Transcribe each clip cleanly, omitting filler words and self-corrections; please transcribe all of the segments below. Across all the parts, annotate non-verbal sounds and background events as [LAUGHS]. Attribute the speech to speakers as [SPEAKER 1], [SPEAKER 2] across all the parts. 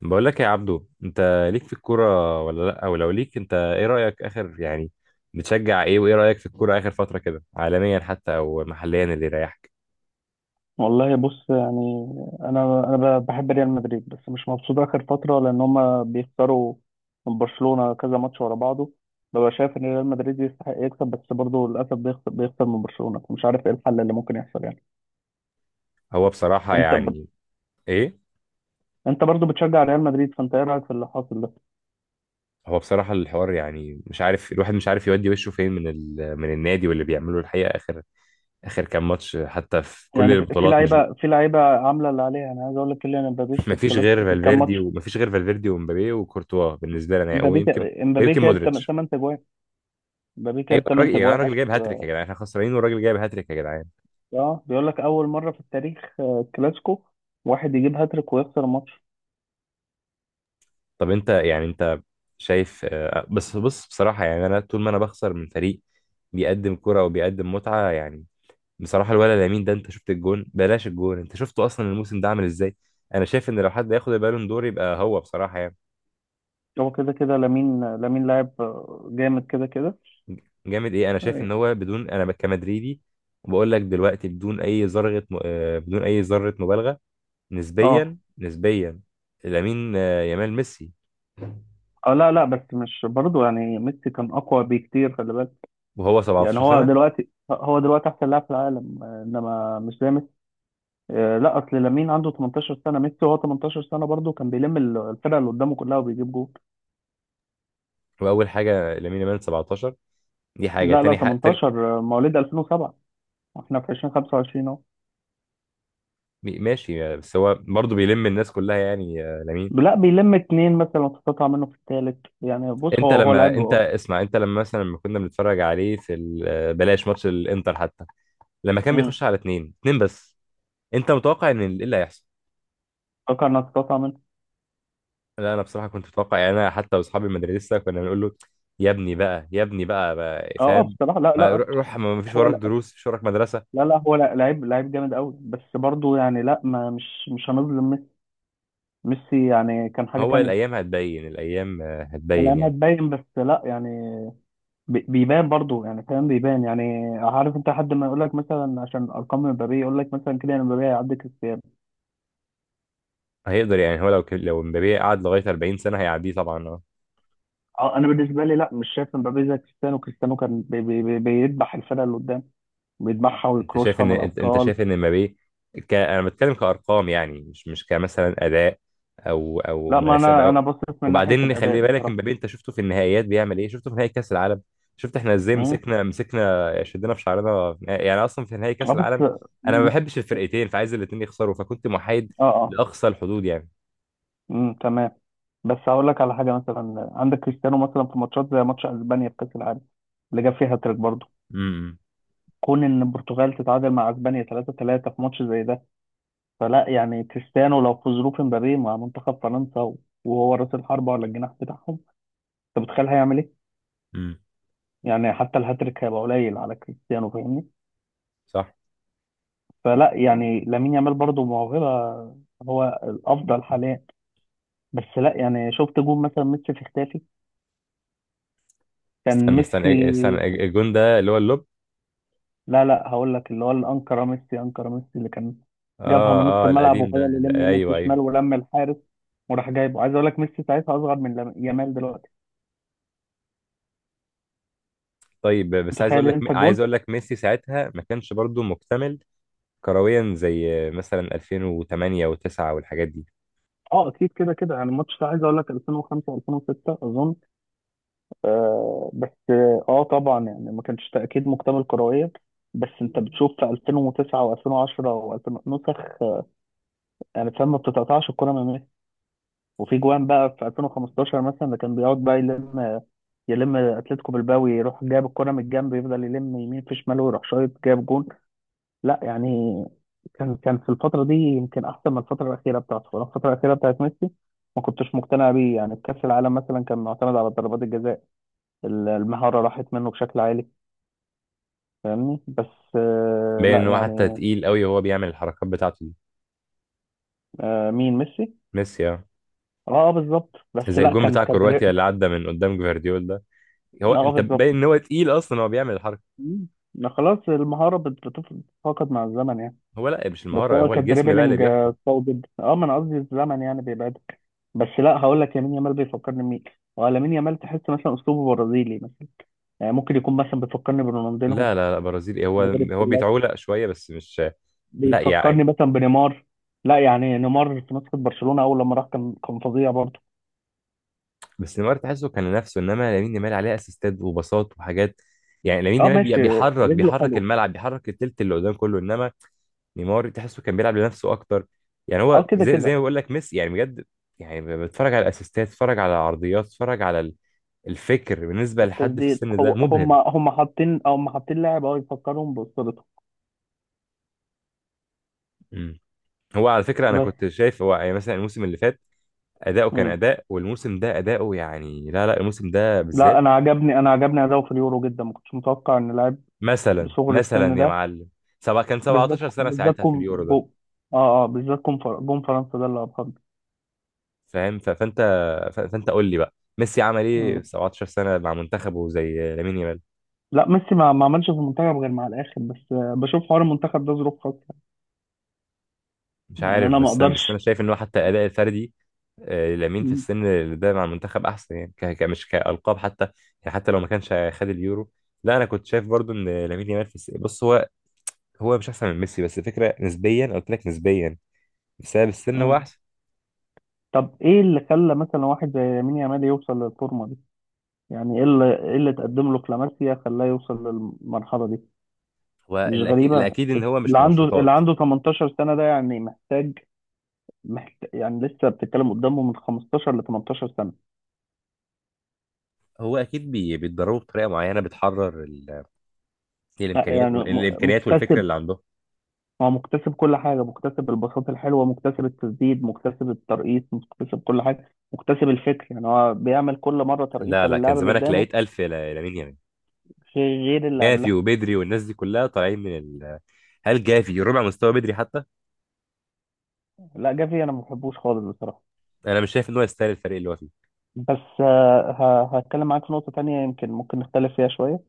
[SPEAKER 1] بقول لك يا عبدو، انت ليك في الكوره ولا لا؟ او لو ليك انت، ايه رايك اخر؟ يعني بتشجع ايه وايه رايك في الكوره اخر فتره كده، عالميا حتى او محليا اللي يريحك؟
[SPEAKER 2] والله بص يعني انا بحب ريال مدريد بس مش مبسوط اخر فتره لان هما بيخسروا من برشلونه كذا ماتش ورا بعضه. ببقى شايف ان ريال مدريد يستحق يكسب بس برضه للاسف بيخسر من برشلونه فمش عارف ايه الحل اللي ممكن يحصل يعني.
[SPEAKER 1] هو بصراحه
[SPEAKER 2] انت ب...
[SPEAKER 1] يعني. ايه؟
[SPEAKER 2] انت برضه بتشجع ريال مدريد فانت ايه رايك في اللي حاصل ده؟
[SPEAKER 1] هو بصراحه الحوار، يعني مش عارف، الواحد مش عارف يودي وشه فين من النادي واللي بيعمله الحقيقه اخر كام ماتش، حتى في كل
[SPEAKER 2] يعني في في
[SPEAKER 1] البطولات، مش
[SPEAKER 2] لعيبه في لعيبه عامله اللي عليها. انا عايز اقول لك كيليان امبابي
[SPEAKER 1] [LAUGHS]
[SPEAKER 2] في
[SPEAKER 1] مفيش غير
[SPEAKER 2] الكلاسيكو في الكام
[SPEAKER 1] فالفيردي
[SPEAKER 2] ماتش
[SPEAKER 1] ومفيش غير فالفيردي ومبابي وكورتوا بالنسبه لنا، ويمكن
[SPEAKER 2] امبابي
[SPEAKER 1] ويمكن
[SPEAKER 2] جايب
[SPEAKER 1] مودريتش.
[SPEAKER 2] 8 تجوان. امبابي
[SPEAKER 1] ايوه
[SPEAKER 2] جايب
[SPEAKER 1] الراجل
[SPEAKER 2] 8
[SPEAKER 1] يا جدعان،
[SPEAKER 2] تجوان
[SPEAKER 1] الراجل
[SPEAKER 2] اخر.
[SPEAKER 1] جايب هاتريك يا جدعان، احنا خسرانين والراجل جايب هاتريك يا جدعان.
[SPEAKER 2] اه بيقول لك اول مره في التاريخ كلاسيكو واحد يجيب هاتريك ويخسر الماتش.
[SPEAKER 1] طب انت شايف. بس بص، بصراحة يعني انا طول ما انا بخسر من فريق بيقدم كرة وبيقدم متعة يعني. بصراحة الولد لامين ده، انت شفت الجون؟ بلاش الجون، انت شفته اصلا الموسم ده عامل ازاي؟ انا شايف ان لو حد ياخد البالون دور يبقى هو، بصراحة يعني.
[SPEAKER 2] هو كده كده لامين لاعب جامد كده كده.
[SPEAKER 1] جامد ايه؟ انا شايف
[SPEAKER 2] اه،
[SPEAKER 1] ان هو، بدون، انا كمدريدي وبقول لك دلوقتي، بدون اي ذرة بدون اي ذرة مبالغة،
[SPEAKER 2] اه.
[SPEAKER 1] نسبيا نسبيا، لامين يامال ميسي،
[SPEAKER 2] لا لا بس مش برضو يعني ميسي كان اقوى بكتير، خلي بالك.
[SPEAKER 1] وهو
[SPEAKER 2] يعني
[SPEAKER 1] 17
[SPEAKER 2] هو
[SPEAKER 1] سنة.
[SPEAKER 2] دلوقتي هو دلوقتي احسن لاعب في العالم، انما مش زي ميسي. لا اصل لامين عنده 18 سنه، ميسي وهو 18 سنه برضو كان بيلم الفرقه اللي قدامه كلها وبيجيب جول.
[SPEAKER 1] واول حاجة لامين يامال 17، دي حاجة
[SPEAKER 2] لا لا
[SPEAKER 1] تاني، حق تاني.
[SPEAKER 2] 18، مواليد 2007، احنا في 2025.
[SPEAKER 1] ماشي، بس هو برضه بيلم الناس كلها يعني، لامين.
[SPEAKER 2] لا بيلم اتنين مثلا وتتقطع منه في التالت. يعني بص
[SPEAKER 1] انت
[SPEAKER 2] هو
[SPEAKER 1] لما
[SPEAKER 2] لعيب،
[SPEAKER 1] انت
[SPEAKER 2] اه.
[SPEAKER 1] اسمع، انت لما مثلا لما كنا بنتفرج عليه في ال- آه، بلاش، ماتش الانتر حتى لما كان
[SPEAKER 2] امم
[SPEAKER 1] بيخش على اتنين اتنين بس، انت متوقع ان ايه اللي هيحصل؟
[SPEAKER 2] فكر انها تتقطع منه.
[SPEAKER 1] لا انا بصراحة كنت متوقع، يعني انا حتى واصحابي المدرسة كنا بنقول له، يا ابني بقى، يا ابني بقى، بقى
[SPEAKER 2] اه اه
[SPEAKER 1] فاهم،
[SPEAKER 2] بصراحه. لا لا.
[SPEAKER 1] روح روح، ما فيش
[SPEAKER 2] هو
[SPEAKER 1] وراك
[SPEAKER 2] لا.
[SPEAKER 1] دروس، مفيش وراك مدرسة.
[SPEAKER 2] لا، لا هو لعيب جامد قوي، بس برضه يعني لا، ما مش مش هنظلم ميسي. ميسي يعني كان حاجه
[SPEAKER 1] هو
[SPEAKER 2] تانية.
[SPEAKER 1] الايام هتبين، الايام هتبين
[SPEAKER 2] الايام
[SPEAKER 1] يعني.
[SPEAKER 2] هتبين، بس لا يعني بيبان برضه يعني، فاهم، بيبان يعني. عارف انت حد ما يقول لك مثلا عشان ارقام مبابي يقول لك مثلا كده ان مبابي هيعدي كريستيانو.
[SPEAKER 1] هيقدر، يعني هو لو مبابي قعد لغاية 40 سنة هيعديه طبعا آه.
[SPEAKER 2] اه انا بالنسبه لي لا، مش شايف مبابي زي كريستيانو. كريستيانو كان بيدبح الفرقه اللي قدام، بيدبحها
[SPEAKER 1] انت شايف
[SPEAKER 2] ويكروشها
[SPEAKER 1] ان،
[SPEAKER 2] من
[SPEAKER 1] انت
[SPEAKER 2] الابطال.
[SPEAKER 1] شايف ان مبابي انا بتكلم كارقام يعني، مش كمثلا اداء، او
[SPEAKER 2] لا ما
[SPEAKER 1] مناسبه
[SPEAKER 2] انا انا بصيت من ناحيه
[SPEAKER 1] وبعدين
[SPEAKER 2] الاداء
[SPEAKER 1] خلي بالك،
[SPEAKER 2] بصراحه.
[SPEAKER 1] مبابي انت شفته في النهائيات بيعمل ايه؟ شفته في نهائي كاس العالم؟ شفت احنا ازاي
[SPEAKER 2] امم.
[SPEAKER 1] مسكنا شدينا في شعرنا يعني اصلا في نهائي
[SPEAKER 2] اه
[SPEAKER 1] كاس
[SPEAKER 2] بس.
[SPEAKER 1] العالم؟ انا ما
[SPEAKER 2] مم.
[SPEAKER 1] بحبش الفرقتين، فعايز الاثنين يخسروا فكنت محايد
[SPEAKER 2] اه اه.
[SPEAKER 1] لاقصى الحدود يعني.
[SPEAKER 2] تمام. بس هقول لك على حاجه، مثلا عندك كريستيانو مثلا في ماتشات زي ماتش اسبانيا في كاس العالم اللي جاب فيها هاتريك برضه.
[SPEAKER 1] امم
[SPEAKER 2] كون ان البرتغال تتعادل مع اسبانيا 3 3 في ماتش زي ده؟ فلا يعني كريستيانو لو في ظروف مبابي مع منتخب فرنسا وهو راس الحربه ولا الجناح بتاعهم، انت متخيل هيعمل ايه؟
[SPEAKER 1] امم،
[SPEAKER 2] يعني حتى الهاتريك هيبقى قليل على كريستيانو، فاهمني؟
[SPEAKER 1] صح.
[SPEAKER 2] فلا يعني لامين يامال برضه موهبه، هو الافضل حاليا. بس لا يعني شفت جون مثلا ميسي في اختافي، كان
[SPEAKER 1] استنى استنى
[SPEAKER 2] ميسي.
[SPEAKER 1] استنى، الجون ده اللي هو اللوب؟
[SPEAKER 2] لا لا هقول لك اللي هو الانكره، ميسي انكره ميسي اللي كان جابها
[SPEAKER 1] اه
[SPEAKER 2] من نص
[SPEAKER 1] اه،
[SPEAKER 2] الملعب
[SPEAKER 1] القديم ده،
[SPEAKER 2] وفضل يلم يمين في
[SPEAKER 1] ايوه ايوه.
[SPEAKER 2] شمال ولم الحارس وراح جايبه. عايز اقول لك ميسي ساعتها اصغر من يامال دلوقتي.
[SPEAKER 1] طيب، بس عايز اقول
[SPEAKER 2] متخيل
[SPEAKER 1] لك
[SPEAKER 2] انت
[SPEAKER 1] عايز
[SPEAKER 2] الجون؟
[SPEAKER 1] اقول لك ميسي ساعتها ما كانش برضو مكتمل كرويا، زي مثلا 2008 و9 والحاجات دي.
[SPEAKER 2] اه اكيد كده كده. يعني الماتش ده عايز اقول لك 2005 2006 اظن. آه بس اه طبعا يعني ما كانش تاكيد مكتمل كرويا، بس انت بتشوف في 2009 و2010 و2000 نسخ، يعني فاهم ما بتتقطعش الكوره من. وفي جوان بقى في 2015 مثلا ده كان بيقعد بقى يلم اتلتيكو بالباو، يروح جاب الكرة من الجنب يفضل يلم يمين في شماله ويروح شايط جاب جون. لا يعني كان في الفترة دي يمكن أحسن من الفترة الأخيرة بتاعته. أنا الفترة الأخيرة بتاعت ميسي ما كنتش مقتنع بيه، يعني في كأس العالم مثلا كان معتمد على ضربات الجزاء. المهارة راحت منه بشكل عالي، فاهمني؟ بس
[SPEAKER 1] باين
[SPEAKER 2] لا
[SPEAKER 1] ان هو حتى
[SPEAKER 2] يعني.
[SPEAKER 1] تقيل قوي وهو بيعمل الحركات بتاعته دي.
[SPEAKER 2] مين ميسي؟
[SPEAKER 1] ميسي اه.
[SPEAKER 2] اه بالظبط، بس
[SPEAKER 1] زي
[SPEAKER 2] لا
[SPEAKER 1] الجون
[SPEAKER 2] كان
[SPEAKER 1] بتاع
[SPEAKER 2] كان
[SPEAKER 1] كرواتيا اللي عدى من قدام جفارديول ده، هو
[SPEAKER 2] اه
[SPEAKER 1] انت باين
[SPEAKER 2] بالظبط.
[SPEAKER 1] ان هو تقيل اصلا هو بيعمل الحركه.
[SPEAKER 2] مم. ما خلاص المهارة بتتفاقد مع الزمن يعني.
[SPEAKER 1] هو لا، مش
[SPEAKER 2] بس
[SPEAKER 1] المهاره،
[SPEAKER 2] هو
[SPEAKER 1] هو الجسم بقى اللي
[SPEAKER 2] كدريبلينج
[SPEAKER 1] بيحكم.
[SPEAKER 2] قوي جدا، اه ما انا قصدي الزمن يعني بيبعدك. بس لا هقول لك يمين يامال بيفكرني بمين. هو لامين يامال تحس مثلا اسلوبه برازيلي مثلا، يعني ممكن يكون مثلا بيفكرني برونالدينهو
[SPEAKER 1] لا لا لا، برازيلي هو.
[SPEAKER 2] من غير
[SPEAKER 1] هو
[SPEAKER 2] الكلات.
[SPEAKER 1] بيتعولق شويه بس مش، لا يعني.
[SPEAKER 2] بيفكرني مثلا بنيمار. لا يعني نيمار في نسخة برشلونة اول لما راح كان فظيع برضه.
[SPEAKER 1] بس نيمار تحسه كان نفسه، انما لامين يامال عليه اسيستات وباصات وحاجات. يعني لامين
[SPEAKER 2] اه
[SPEAKER 1] يامال
[SPEAKER 2] ماشي، رجله
[SPEAKER 1] بيحرك
[SPEAKER 2] حلوه.
[SPEAKER 1] الملعب، بيحرك التلت اللي قدام كله، انما نيمار تحسه كان بيلعب لنفسه اكتر. يعني
[SPEAKER 2] اه
[SPEAKER 1] هو
[SPEAKER 2] كده
[SPEAKER 1] زي
[SPEAKER 2] كده.
[SPEAKER 1] ما بقول لك ميسي يعني بجد. يعني بتفرج على الاسيستات، بتفرج على العرضيات، بتفرج على الفكر. بالنسبه لحد في
[SPEAKER 2] التسديد،
[SPEAKER 1] السن ده
[SPEAKER 2] هو
[SPEAKER 1] مبهر.
[SPEAKER 2] هم حاطين لاعب اه يفكرهم باسطورته.
[SPEAKER 1] مم. هو على فكره، انا
[SPEAKER 2] بس
[SPEAKER 1] كنت شايف هو، يعني مثلا الموسم اللي فات اداؤه كان اداء، والموسم ده اداؤه يعني، لا لا الموسم ده
[SPEAKER 2] لا
[SPEAKER 1] بالذات.
[SPEAKER 2] انا عجبني اداؤه في اليورو جدا، ما كنتش متوقع ان لاعب
[SPEAKER 1] مثلا
[SPEAKER 2] بصغر السن
[SPEAKER 1] مثلا يا
[SPEAKER 2] ده.
[SPEAKER 1] معلم، سبعة كان
[SPEAKER 2] بالذات
[SPEAKER 1] 17 سنه
[SPEAKER 2] بالذات
[SPEAKER 1] ساعتها في
[SPEAKER 2] كوم
[SPEAKER 1] اليورو ده.
[SPEAKER 2] جو. اه اه بالذات جون فرنسا ده اللي ابهرني.
[SPEAKER 1] فاهم، فانت قول لي بقى، ميسي عمل ايه في
[SPEAKER 2] مم.
[SPEAKER 1] 17 سنه مع منتخبه زي لامين يامال؟
[SPEAKER 2] لا ميسي ما عملش في المنتخب غير مع الاخر، بس بشوف حوار المنتخب ده ظروف خاصه.
[SPEAKER 1] مش
[SPEAKER 2] يعني
[SPEAKER 1] عارف،
[SPEAKER 2] انا ما
[SPEAKER 1] بس انا
[SPEAKER 2] اقدرش.
[SPEAKER 1] شايف ان هو حتى الاداء الفردي، لامين في
[SPEAKER 2] مم.
[SPEAKER 1] السن اللي ده مع المنتخب احسن، يعني مش كالقاب حتى، يعني حتى لو ما كانش خد اليورو. لا انا كنت شايف برضو ان لامين يامال في السن، بص هو مش احسن من ميسي، بس الفكره نسبيا، قلت لك نسبيا، بسبب السن هو
[SPEAKER 2] مم.
[SPEAKER 1] احسن.
[SPEAKER 2] طب ايه اللي خلى مثلا واحد زي يمين يامال يوصل للفورمه دي؟ يعني ايه اللي تقدم له كلاماسيا خلاه يوصل للمرحله دي؟
[SPEAKER 1] هو
[SPEAKER 2] مش
[SPEAKER 1] الاكيد
[SPEAKER 2] غريبه.
[SPEAKER 1] الاكيد ان هو
[SPEAKER 2] اللي
[SPEAKER 1] مش
[SPEAKER 2] عنده اللي
[SPEAKER 1] منشطات.
[SPEAKER 2] عنده 18 سنه ده يعني محتاج يعني لسه بتتكلم قدامه من 15 ل 18 سنة.
[SPEAKER 1] هو اكيد بيتدربوا بطريقه معينه بتحرر
[SPEAKER 2] لا،
[SPEAKER 1] الامكانيات،
[SPEAKER 2] يعني
[SPEAKER 1] الامكانيات والفكره
[SPEAKER 2] مكتسب.
[SPEAKER 1] اللي عندهم.
[SPEAKER 2] هو مكتسب، كل حاجة مكتسب، البساطة الحلوة مكتسب، التسديد مكتسب، الترقيص مكتسب، كل حاجة مكتسب، الفكر. يعني هو بيعمل كل مرة
[SPEAKER 1] لا
[SPEAKER 2] ترقيصة
[SPEAKER 1] لا، كان
[SPEAKER 2] للاعب اللي
[SPEAKER 1] زمانك
[SPEAKER 2] قدامه
[SPEAKER 1] لقيت ألف لامين يامال.
[SPEAKER 2] غير اللي
[SPEAKER 1] جافي
[SPEAKER 2] قبلها.
[SPEAKER 1] وبدري والناس دي كلها هل جافي ربع مستوى بدري حتى؟
[SPEAKER 2] لا جافي أنا ما بحبوش خالص بصراحة.
[SPEAKER 1] انا مش شايف ان هو يستاهل الفريق اللي هو فيه.
[SPEAKER 2] بس هتكلم معاك في نقطة تانية يمكن ممكن نختلف فيها شوية.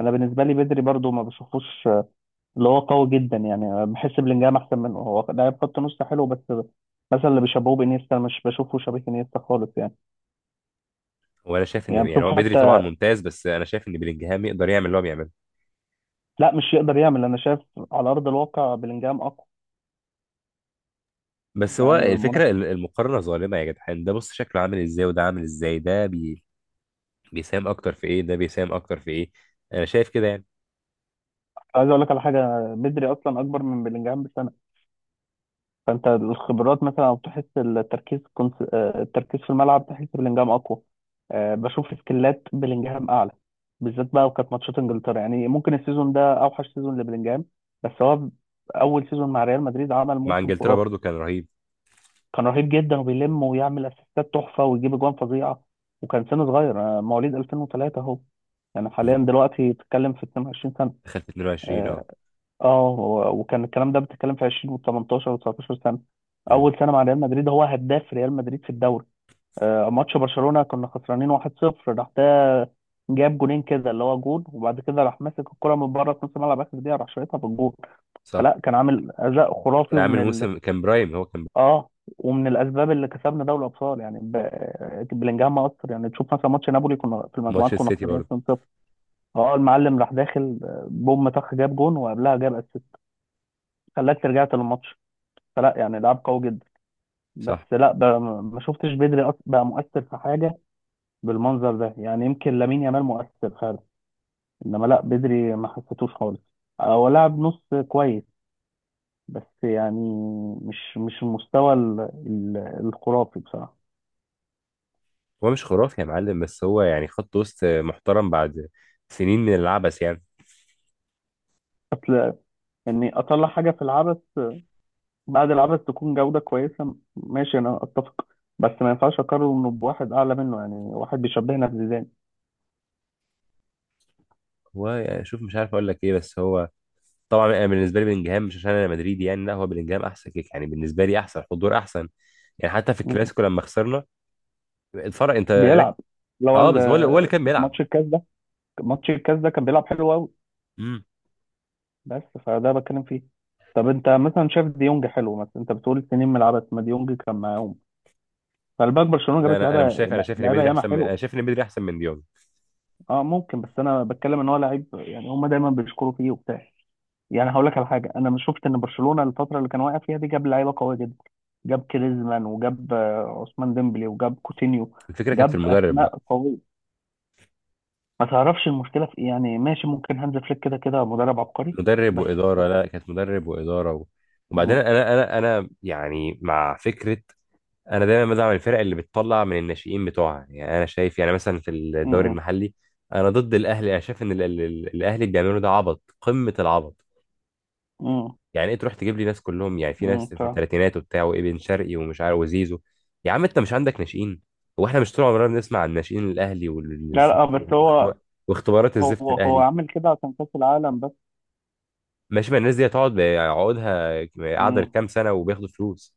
[SPEAKER 2] أنا بالنسبة لي بدري برضو ما بشوفوش اللي هو قوي جدا، يعني بحس بلينجهام احسن منه. هو لاعب خط نص حلو بس مثلا اللي بيشبهوه بانيستا أنا مش بشوفه شبيه انيستا خالص يعني.
[SPEAKER 1] وانا شايف ان،
[SPEAKER 2] يعني
[SPEAKER 1] يعني
[SPEAKER 2] بشوف
[SPEAKER 1] هو بدري طبعا
[SPEAKER 2] حتى.
[SPEAKER 1] ممتاز، بس انا شايف ان بلينجهام يقدر يعمل اللي هو بيعمله.
[SPEAKER 2] لا مش يقدر يعمل، انا شايف على ارض الواقع بلينجهام اقوى.
[SPEAKER 1] بس هو
[SPEAKER 2] يعني
[SPEAKER 1] الفكره،
[SPEAKER 2] منافس.
[SPEAKER 1] المقارنه ظالمه يا جدعان، ده بص شكله عامل ازاي وده عامل ازاي، ده بيساهم اكتر في ايه، ده بيساهم اكتر في ايه. انا شايف كده يعني.
[SPEAKER 2] عايز اقول لك على حاجه، بدري اصلا اكبر من بلينجهام بسنه. فانت الخبرات مثلا او تحس التركيز، كنت التركيز في الملعب تحس بلينجهام اقوى. بشوف سكلات بلينجهام اعلى، بالذات بقى وكانت ماتشات انجلترا. يعني ممكن السيزون ده اوحش سيزون لبلينجهام، بس هو اول سيزون مع ريال مدريد عمل
[SPEAKER 1] مع
[SPEAKER 2] موسم
[SPEAKER 1] انجلترا
[SPEAKER 2] خرافي.
[SPEAKER 1] برضو كان رهيب.
[SPEAKER 2] كان رهيب جدا وبيلم ويعمل اسيستات تحفه ويجيب اجوان فظيعه. وكان سنه صغير، مواليد 2003 اهو، يعني حاليا
[SPEAKER 1] مم.
[SPEAKER 2] دلوقتي بتتكلم في 22 سنه.
[SPEAKER 1] دخل في 22
[SPEAKER 2] آه،
[SPEAKER 1] اه.
[SPEAKER 2] اه وكان الكلام ده بتتكلم في 20 و18 و19 سنه.
[SPEAKER 1] مم.
[SPEAKER 2] اول سنه مع ريال مدريد هو هداف ريال مدريد في الدوري. ماتش برشلونه كنا خسرانين 1-0 راح ده جاب جونين كده اللي هو جون، وبعد كده راح ماسك الكره من بره في نص الملعب اخر دقيقه راح شايطها في الجون.
[SPEAKER 1] صح.
[SPEAKER 2] فلا كان عامل اداء خرافي
[SPEAKER 1] كان عامل موسم، كان برايم، هو كان.
[SPEAKER 2] اه ومن الاسباب اللي كسبنا دوري الابطال يعني بلينجهام اثر. يعني تشوف مثلا ماتش نابولي كنا في
[SPEAKER 1] ماتش
[SPEAKER 2] المجموعات كنا
[SPEAKER 1] السيتي
[SPEAKER 2] خسرانين
[SPEAKER 1] برضو.
[SPEAKER 2] 2-0، اه المعلم راح داخل بوم طخ جاب جون وقبلها جاب اسيست، خلاك رجعت للماتش. فلا يعني لعب قوي جدا. بس
[SPEAKER 1] صح.
[SPEAKER 2] لا بقى ما شفتش بدري بقى مؤثر في حاجه بالمنظر ده. يعني يمكن لامين يامال مؤثر فعلا انما لا بدري ما حسيتوش خالص. هو لعب نص كويس، بس يعني مش المستوى ال- الخرافي بصراحه.
[SPEAKER 1] هو مش خرافي يا معلم، بس هو يعني خط وسط محترم بعد سنين من العبث يعني.
[SPEAKER 2] اصل اني اطلع حاجه في العبث، بعد العبث تكون جوده كويسه، ماشي انا اتفق، بس ما ينفعش اقارنه بواحد اعلى منه يعني واحد بيشبهنا بزيدان.
[SPEAKER 1] هو يعني شوف، مش عارف اقول لك ايه، بس هو، طبعا انا بالنسبه لي بلينجهام، مش عشان انا مدريدي يعني، لا هو بلينجهام احسن كيك، يعني بالنسبه لي احسن حضور احسن. يعني حتى في
[SPEAKER 2] مم.
[SPEAKER 1] الكلاسيكو لما خسرنا، اتفرج انت
[SPEAKER 2] بيلعب اللي هو
[SPEAKER 1] اه بس هو، اللي هو اللي كان بيلعب.
[SPEAKER 2] ماتش الكاس ده. ماتش الكاس ده كان بيلعب حلو قوي.
[SPEAKER 1] امم.
[SPEAKER 2] بس فده بتكلم فيه. طب انت مثلا شايف ديونج حلو مثلا؟ انت بتقول سنين من لعبت ما ديونج كان معاهم، فالباك برشلونه
[SPEAKER 1] لا
[SPEAKER 2] جابت
[SPEAKER 1] انا مش
[SPEAKER 2] لعيبه
[SPEAKER 1] شايف،
[SPEAKER 2] لعيبه ياما حلوه.
[SPEAKER 1] انا شايف ان بدري احسن من ديونج.
[SPEAKER 2] اه ممكن، بس انا بتكلم ان هو لعيب، يعني هم دايما بيشكروا فيه وبتاع. يعني هقول لك على حاجه، انا مش شفت ان برشلونه الفتره اللي كان واقع فيها دي جاب لعيبه قويه جدا. جاب كريزمان وجاب عثمان ديمبلي وجاب كوتينيو،
[SPEAKER 1] الفكره كانت في
[SPEAKER 2] جاب
[SPEAKER 1] المدرب
[SPEAKER 2] اسماء
[SPEAKER 1] بقى.
[SPEAKER 2] قويه. ما تعرفش المشكله في ايه، يعني ماشي ممكن هانز فليك كده كده مدرب عبقري.
[SPEAKER 1] مدرب
[SPEAKER 2] بس.
[SPEAKER 1] واداره، لا كانت مدرب واداره وبعدين
[SPEAKER 2] مم.
[SPEAKER 1] انا يعني مع فكره، انا دايما بدعم الفرق اللي بتطلع من الناشئين بتوعها، يعني انا شايف يعني مثلا في الدوري
[SPEAKER 2] مم.
[SPEAKER 1] المحلي انا ضد الاهلي. انا شايف ان الاهلي اللي بيعملوا ده عبط، قمه العبط.
[SPEAKER 2] مم.
[SPEAKER 1] يعني ايه تروح تجيب لي ناس كلهم، يعني في
[SPEAKER 2] امم
[SPEAKER 1] ناس
[SPEAKER 2] ف...
[SPEAKER 1] في الثلاثينات وبتاع، وابن شرقي ومش عارف وزيزو؟ يا عم انت مش عندك ناشئين؟ هو احنا مش طول عمرنا بنسمع عن ناشئين الاهلي
[SPEAKER 2] لا لا بس هو.
[SPEAKER 1] واختبار- واختبارات الزفت
[SPEAKER 2] هو
[SPEAKER 1] الاهلي؟
[SPEAKER 2] عامل كده عشان كأس العالم بس.
[SPEAKER 1] ماشي، ما الناس دي هتقعد عقودها قاعده
[SPEAKER 2] امم.
[SPEAKER 1] كام سنه وبياخدوا فلوس،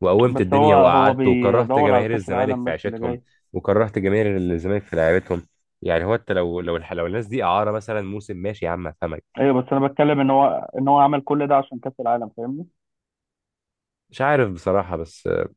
[SPEAKER 1] وقومت
[SPEAKER 2] بس هو
[SPEAKER 1] الدنيا
[SPEAKER 2] هو
[SPEAKER 1] وقعدت وكرهت
[SPEAKER 2] بيدور على
[SPEAKER 1] جماهير
[SPEAKER 2] كأس
[SPEAKER 1] الزمالك في
[SPEAKER 2] العالم بس اللي
[SPEAKER 1] عيشتهم،
[SPEAKER 2] جاي.
[SPEAKER 1] وكرهت جماهير الزمالك في لعيبتهم. يعني هو انت لو لو الناس دي اعاره مثلا موسم، ماشي يا عم افهمك.
[SPEAKER 2] ايوه بس انا بتكلم ان هو عمل كل ده عشان كأس العالم، فاهمني؟
[SPEAKER 1] مش عارف بصراحه، بس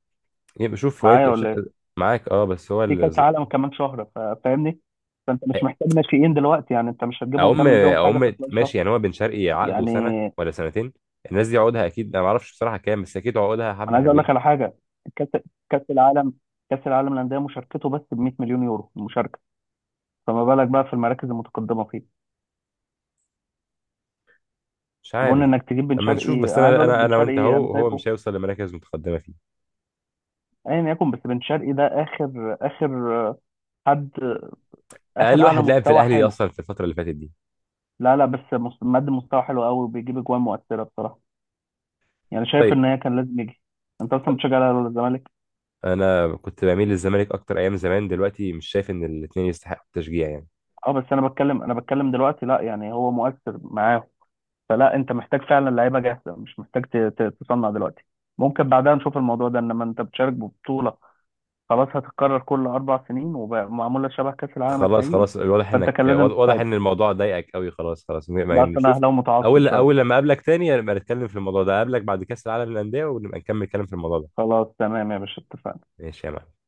[SPEAKER 1] يبقى شوف هو،
[SPEAKER 2] معايا ولا ايه؟
[SPEAKER 1] معاك اه، بس هو
[SPEAKER 2] في كأس
[SPEAKER 1] الز-
[SPEAKER 2] عالم كمان شهر، فاهمني؟ فانت مش محتاج ناشئين دلوقتي، يعني انت مش هتجيبهم
[SPEAKER 1] اقوم
[SPEAKER 2] تعمل بيهم حاجة في
[SPEAKER 1] اقوم
[SPEAKER 2] خلال شهر.
[SPEAKER 1] ماشي، يعني هو بن شرقي عقده
[SPEAKER 2] يعني
[SPEAKER 1] سنه ولا سنتين. الناس دي عقودها اكيد انا ما اعرفش بصراحه كام، بس اكيد عقودها
[SPEAKER 2] انا
[SPEAKER 1] حبه
[SPEAKER 2] عايز اقول لك
[SPEAKER 1] حلوين.
[SPEAKER 2] على حاجة. كأس كأس العالم كأس العالم للأندية مشاركته بس ب 100 مليون يورو المشاركة، فما بالك بقى في المراكز المتقدمة فيه.
[SPEAKER 1] مش
[SPEAKER 2] اظن
[SPEAKER 1] عارف.
[SPEAKER 2] انك تجيب بن
[SPEAKER 1] اما نشوف،
[SPEAKER 2] شرقي.
[SPEAKER 1] بس
[SPEAKER 2] انا عايز
[SPEAKER 1] انا
[SPEAKER 2] اقول لك
[SPEAKER 1] انا
[SPEAKER 2] بن
[SPEAKER 1] انا وانت
[SPEAKER 2] شرقي انا
[SPEAKER 1] اهو، هو
[SPEAKER 2] شايفه
[SPEAKER 1] مش هيوصل لمراكز متقدمه فيه.
[SPEAKER 2] ايا يكن، بس بن شرقي ده اخر اخر حد
[SPEAKER 1] اقل
[SPEAKER 2] اعلى
[SPEAKER 1] واحد لعب في
[SPEAKER 2] مستوى
[SPEAKER 1] الاهلي
[SPEAKER 2] حلو.
[SPEAKER 1] اصلا في الفتره اللي فاتت دي.
[SPEAKER 2] لا لا بس مقدم مستوى حلو قوي وبيجيب اجوان مؤثره بصراحه، يعني شايف
[SPEAKER 1] طيب،
[SPEAKER 2] ان هي كان لازم يجي. انت اصلا بتشجع الاهلي ولا الزمالك؟
[SPEAKER 1] انا كنت بميل للزمالك اكتر ايام زمان، دلوقتي مش شايف ان الاثنين يستحقوا التشجيع يعني.
[SPEAKER 2] اه بس انا بتكلم دلوقتي لا يعني هو مؤثر معاهم. فلا انت محتاج فعلا لعيبه جاهزه، مش محتاج تصنع دلوقتي. ممكن بعدها نشوف الموضوع ده، انما انت بتشارك ببطوله خلاص هتتكرر كل اربع سنين ومعموله شبه كاس العالم
[SPEAKER 1] خلاص
[SPEAKER 2] الحقيقي،
[SPEAKER 1] خلاص، واضح
[SPEAKER 2] فانت
[SPEAKER 1] انك،
[SPEAKER 2] كان لازم
[SPEAKER 1] واضح
[SPEAKER 2] تستعد.
[SPEAKER 1] ان الموضوع ضايقك قوي. خلاص خلاص، ما
[SPEAKER 2] بس انا
[SPEAKER 1] نشوف.
[SPEAKER 2] اهلاوي متعصب
[SPEAKER 1] اول
[SPEAKER 2] شويه.
[SPEAKER 1] اول لما اقابلك تاني نبقى نتكلم في الموضوع ده، اقابلك بعد كاس العالم للانديه ونبقى نكمل كلام في الموضوع ده.
[SPEAKER 2] خلاص تمام يا باشا، اتفقنا.
[SPEAKER 1] ماشي يا معلم.